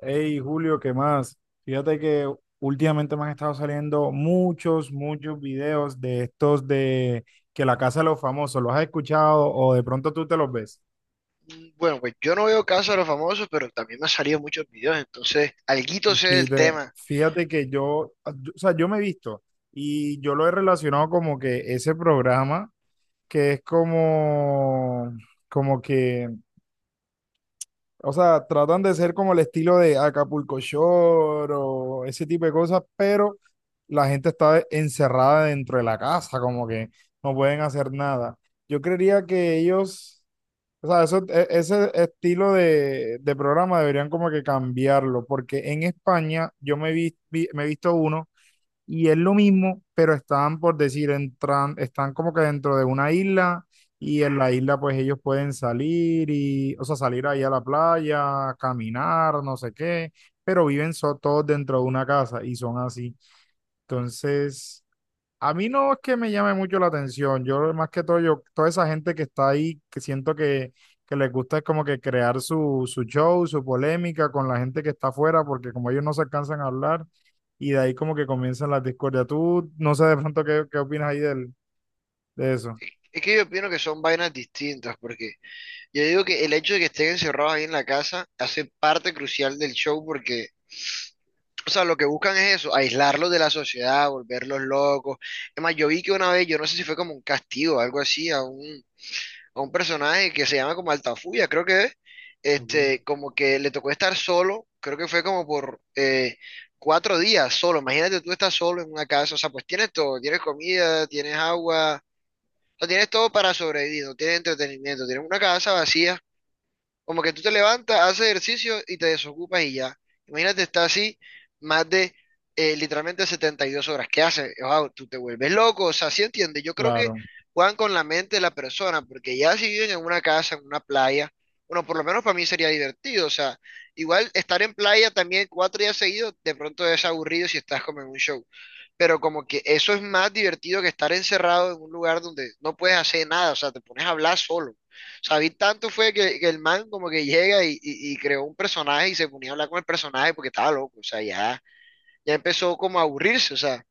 Hey, Julio, ¿qué más? Fíjate que últimamente me han estado saliendo muchos videos de estos de que la casa de los famosos, ¿los has escuchado o de pronto tú te los ves? Bueno, pues yo no veo Casa de los Famosos, pero también me han salido muchos videos, entonces alguito Y sé del Fíjate, tema. fíjate que o sea, yo me he visto y yo lo he relacionado como que ese programa que es como, como que. O sea, tratan de ser como el estilo de Acapulco Shore o ese tipo de cosas, pero la gente está encerrada dentro de la casa, como que no pueden hacer nada. Yo creería que ellos, o sea, ese estilo de programa deberían como que cambiarlo, porque en España yo me he visto uno y es lo mismo, pero están, por decir, entran, están como que dentro de una isla y en la isla pues ellos pueden salir y, o sea, salir ahí a la playa, caminar, no sé qué, pero todos dentro de una casa y son así. Entonces, a mí no es que me llame mucho la atención. Yo, más que todo, yo, toda esa gente que está ahí, que siento que les gusta es como que crear su, su show, su polémica con la gente que está afuera, porque como ellos no se alcanzan a hablar, y de ahí como que comienzan las discordias. Tú, no sé de pronto qué opinas ahí del, de eso. Es que yo opino que son vainas distintas, porque yo digo que el hecho de que estén encerrados ahí en la casa hace parte crucial del show, porque, o sea, lo que buscan es eso, aislarlos de la sociedad, volverlos locos. Es más, yo vi que una vez, yo no sé si fue como un castigo, algo así, a un personaje que se llama como Altafulla, creo que es, Ok. este, como que le tocó estar solo, creo que fue como por 4 días solo, imagínate tú estás solo en una casa, o sea, pues tienes todo, tienes comida, tienes agua, o sea, tienes todo para sobrevivir, no tienes entretenimiento, tienes una casa vacía como que tú te levantas, haces ejercicio y te desocupas y ya. Imagínate, estar así más de literalmente 72 horas. ¿Qué haces? Wow, tú te vuelves loco. O sea, ¿sí entiende? Yo creo que Claro, juegan con la mente de la persona, porque ya si viven en una casa, en una playa, bueno, por lo menos para mí sería divertido. O sea, igual estar en playa también 4 días seguidos, de pronto es aburrido si estás como en un show. Pero como que eso es más divertido que estar encerrado en un lugar donde no puedes hacer nada. O sea, te pones a hablar solo. David tanto fue que el man como que llega y creó un personaje y se ponía a hablar con el personaje porque estaba loco, o sea, ya, ya empezó como a aburrirse, o sea,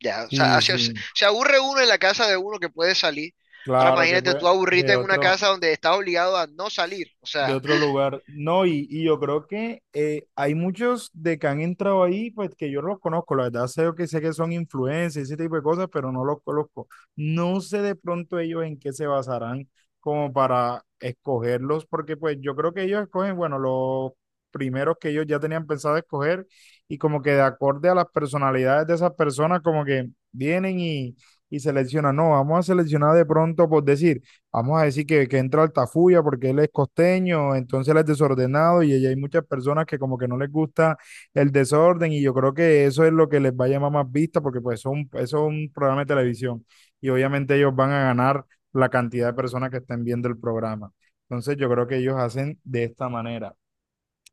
ya, o sí, sea, sí. se aburre uno en la casa de uno que puede salir. Ahora Claro que imagínate pues tú aburrirte de en una otro. casa donde estás obligado a no salir, o De sea, otro lugar. No, y yo creo que hay muchos de que han entrado ahí, pues que yo no los conozco, la verdad sé que son influencers, ese tipo de cosas, pero no los conozco. No sé de pronto ellos en qué se basarán como para escogerlos, porque pues yo creo que ellos escogen, bueno, los primeros que ellos ya tenían pensado escoger y como que de acorde a las personalidades de esas personas, como que vienen y seleccionan, no, vamos a seleccionar de pronto, por decir, vamos a decir que entra Altafulla porque él es costeño, entonces él es desordenado y ahí hay muchas personas que como que no les gusta el desorden y yo creo que eso es lo que les va a llamar más vista porque pues son, eso es un programa de televisión y obviamente ellos van a ganar la cantidad de personas que estén viendo el programa. Entonces yo creo que ellos hacen de esta manera.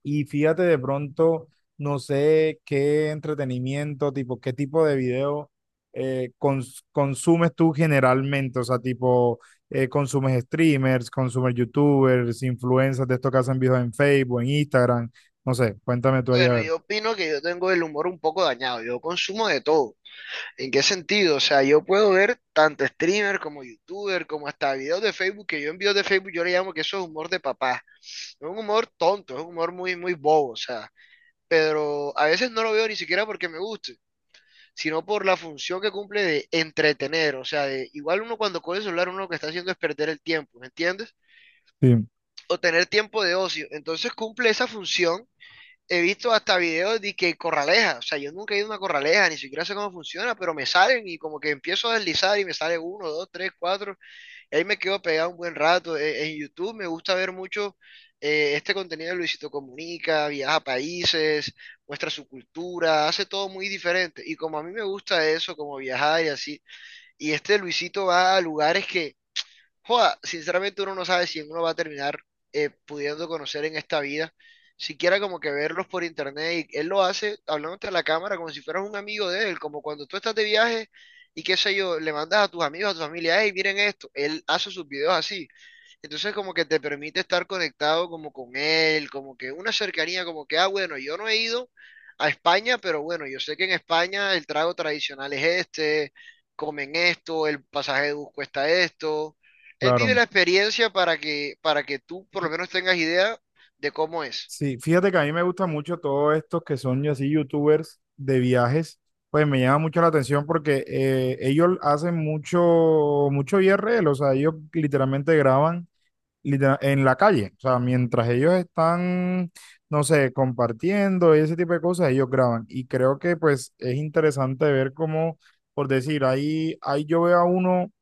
Y fíjate de pronto, no sé qué entretenimiento, tipo, qué tipo de video consumes tú generalmente, o sea, tipo, consumes streamers, consumes youtubers, influencers de estos que hacen videos en Facebook, en Instagram, no sé, cuéntame tú ahí a bueno, ver. yo opino que yo tengo el humor un poco dañado, yo consumo de todo. ¿En qué sentido? O sea, yo puedo ver tanto streamer como youtuber, como hasta videos de Facebook, que yo en videos de Facebook yo le llamo que eso es humor de papá. Es un humor tonto, es un humor muy, muy bobo, o sea, pero a veces no lo veo ni siquiera porque me guste, sino por la función que cumple de entretener, o sea, de, igual uno cuando coge el celular, uno lo que está haciendo es perder el tiempo, ¿me entiendes? Sí, O tener tiempo de ocio, entonces cumple esa función he visto hasta videos de que corraleja, o sea, yo nunca he ido a una corraleja, ni siquiera sé cómo funciona, pero me salen y como que empiezo a deslizar y me sale uno, dos, tres, cuatro, y ahí me quedo pegado un buen rato. En YouTube me gusta ver mucho este contenido de Luisito Comunica, viaja a países, muestra su cultura, hace todo muy diferente. Y como a mí me gusta eso, como viajar y así, y este Luisito va a lugares que joda, sinceramente uno no sabe si uno va a terminar pudiendo conocer en esta vida, siquiera como que verlos por internet, y él lo hace hablándote a la cámara como si fueras un amigo de él, como cuando tú estás de viaje y qué sé yo, le mandas a tus amigos, a tu familia, hey, miren esto, él hace sus videos así, entonces como que te permite estar conectado como con él, como que una cercanía, como que, ah, bueno, yo no he ido a España, pero bueno, yo sé que en España el trago tradicional es este, comen esto, el pasaje de bus cuesta esto. Él vive claro. la experiencia para que tú por lo menos tengas idea de cómo es. Sí, fíjate que a mí me gusta mucho todos estos que son así youtubers de viajes, pues me llama mucho la atención porque ellos hacen mucho IRL, o sea, ellos literalmente graban en la calle. O sea, mientras ellos están, no sé, compartiendo y ese tipo de cosas, ellos graban. Y creo que pues es interesante ver cómo, por decir, ahí yo veo a uno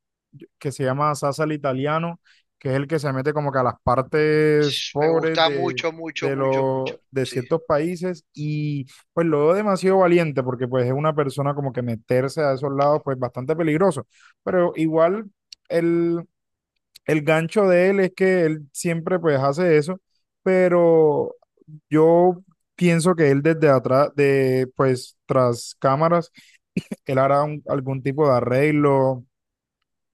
que se llama Sasa el Italiano, que es el que se mete como que a las partes Me pobres gusta de, mucho, mucho, mucho, mucho. De Sí. ciertos países y pues lo veo demasiado valiente porque pues es una persona como que meterse a esos lados pues bastante peligroso, pero igual... El gancho de él es que él siempre pues hace eso, pero yo pienso que él desde atrás, de pues tras cámaras, él algún tipo de arreglo,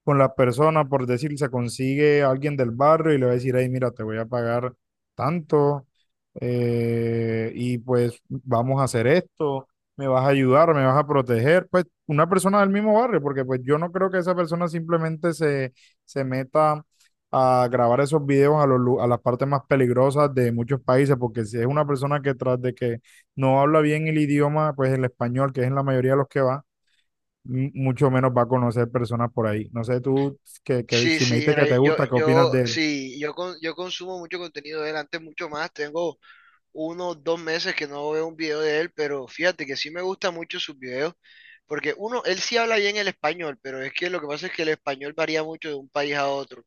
con la persona, por decir, se consigue a alguien del barrio y le va a decir, hey, mira, te voy a pagar tanto y pues vamos a hacer esto, me vas a ayudar, me vas a proteger, pues una persona del mismo barrio, porque pues yo no creo que esa persona simplemente se, se meta a grabar esos videos a, a las partes más peligrosas de muchos países, porque si es una persona que tras de que no habla bien el idioma, pues el español, que es en la mayoría de los que va, mucho menos va a conocer personas por ahí. No sé tú, que Sí, si me sí, dijiste mira, que te gusta, ¿qué opinas de él? sí, yo consumo mucho contenido de él, antes mucho más, tengo uno, o dos meses que no veo un video de él, pero fíjate que sí me gustan mucho sus videos, porque uno, él sí habla bien el español, pero es que lo que pasa es que el español varía mucho de un país a otro.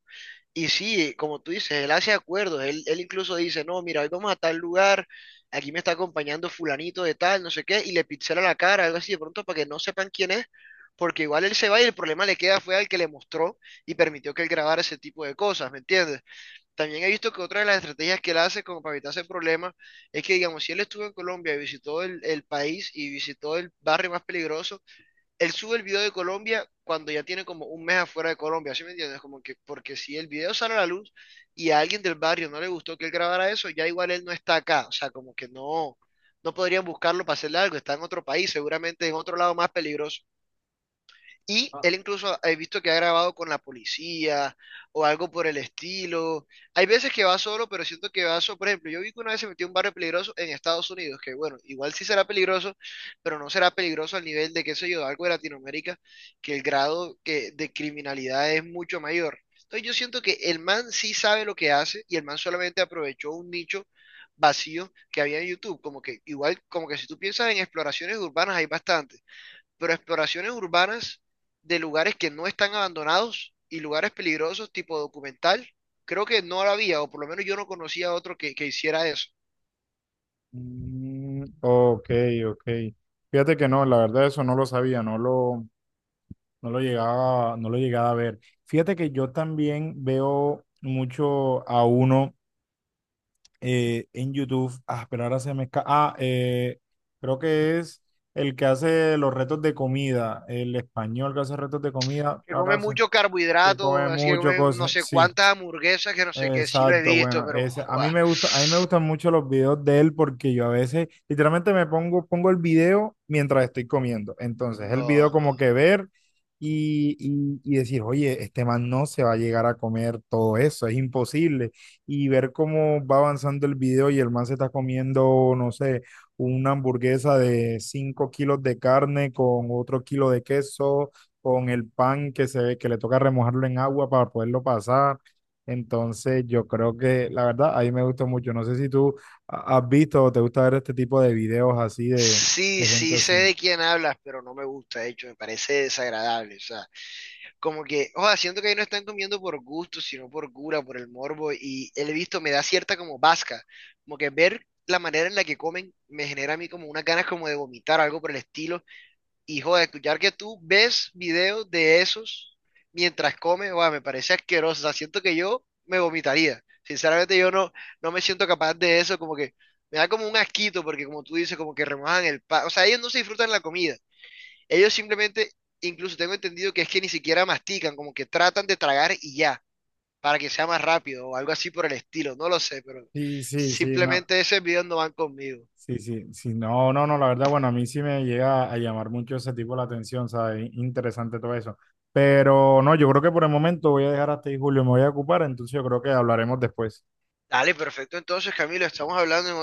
Y sí, como tú dices, él hace acuerdos, él incluso dice, no, mira, hoy vamos a tal lugar, aquí me está acompañando fulanito de tal, no sé qué, y le pixela la cara, algo así de pronto para que no sepan quién es. Porque igual él se va y el problema le queda fue al que le mostró y permitió que él grabara ese tipo de cosas, ¿me entiendes? También he visto que otra de las estrategias que él hace como para evitarse problemas es que, digamos, si él estuvo en Colombia y visitó el país y visitó el barrio más peligroso, él sube el video de Colombia cuando ya tiene como un mes afuera de Colombia, ¿sí me entiendes? Como que, porque si el video sale a la luz y a alguien del barrio no le gustó que él grabara eso, ya igual él no está acá, o sea, como que no, no podrían buscarlo para hacerle algo, está en otro país, seguramente en otro lado más peligroso. Y él incluso he visto que ha grabado con la policía o algo por el estilo. Hay veces que va solo, pero siento que va solo. Por ejemplo, yo vi que una vez se metió en un barrio peligroso en Estados Unidos, que bueno, igual sí será peligroso, pero no será peligroso al nivel de, qué sé yo, de algo de Latinoamérica, que el grado de criminalidad es mucho mayor. Entonces yo siento que el man sí sabe lo que hace y el man solamente aprovechó un nicho vacío que había en YouTube. Como que igual, como que si tú piensas en exploraciones urbanas hay bastante pero exploraciones urbanas de lugares que no están abandonados y lugares peligrosos, tipo documental, creo que no la había, o por lo menos yo no conocía otro que hiciera eso. Mm, ok, ok. Fíjate que no, la verdad eso no lo sabía, no lo llegaba, no lo llegaba a ver. Fíjate que yo también veo mucho a uno en YouTube, ah, pero ahora se me escapa, ah, eh, creo que es el que hace los retos de comida, el español que hace retos de comida, Que come ahora se, mucho que carbohidrato, come así que mucho come no cosas, sé sí. cuántas hamburguesas, que no sé qué, sí lo he Exacto, visto, bueno, pero ese, a mí joa, me gusta, a mí me gustan mucho los videos de él porque yo a veces literalmente pongo el video mientras estoy comiendo. Entonces, el no, video no. como que ver y decir, oye, este man no se va a llegar a comer todo eso, es imposible. Y ver cómo va avanzando el video y el man se está comiendo, no sé, una hamburguesa de 5 kilos de carne con otro kilo de queso, con el pan que se ve que le toca remojarlo en agua para poderlo pasar. Entonces, yo creo que la verdad, a mí me gustó mucho. No sé si tú has visto o te gusta ver este tipo de videos así Sí, de gente sí sé así. de quién hablas, pero no me gusta, de hecho, me parece desagradable, o sea, como que, o sea, siento que ahí no están comiendo por gusto, sino por cura, por el morbo, y el visto me da cierta como vasca, como que ver la manera en la que comen me genera a mí como unas ganas como de vomitar, algo por el estilo, y joder, escuchar que tú ves videos de esos mientras comes, sea, me parece asqueroso, o sea, siento que yo me vomitaría, sinceramente yo no, no me siento capaz de eso, como que me da como un asquito, porque como tú dices, como que remojan el pan, o sea, ellos no se disfrutan la comida ellos simplemente, incluso tengo entendido que es que ni siquiera mastican, como que tratan de tragar y ya, para que sea más rápido o algo así por el estilo, no lo sé, pero Sí, sí, sí, no. simplemente ese video no van conmigo. Sí, sí, sí, no, no, no, la verdad, bueno, a mí sí me llega a llamar mucho ese tipo la atención, ¿sabes? Interesante todo eso. Pero no, yo creo que por el momento voy a dejar hasta ahí, Julio, me voy a ocupar, entonces yo creo que hablaremos después. Dale, perfecto. Entonces, Camilo, estamos hablando en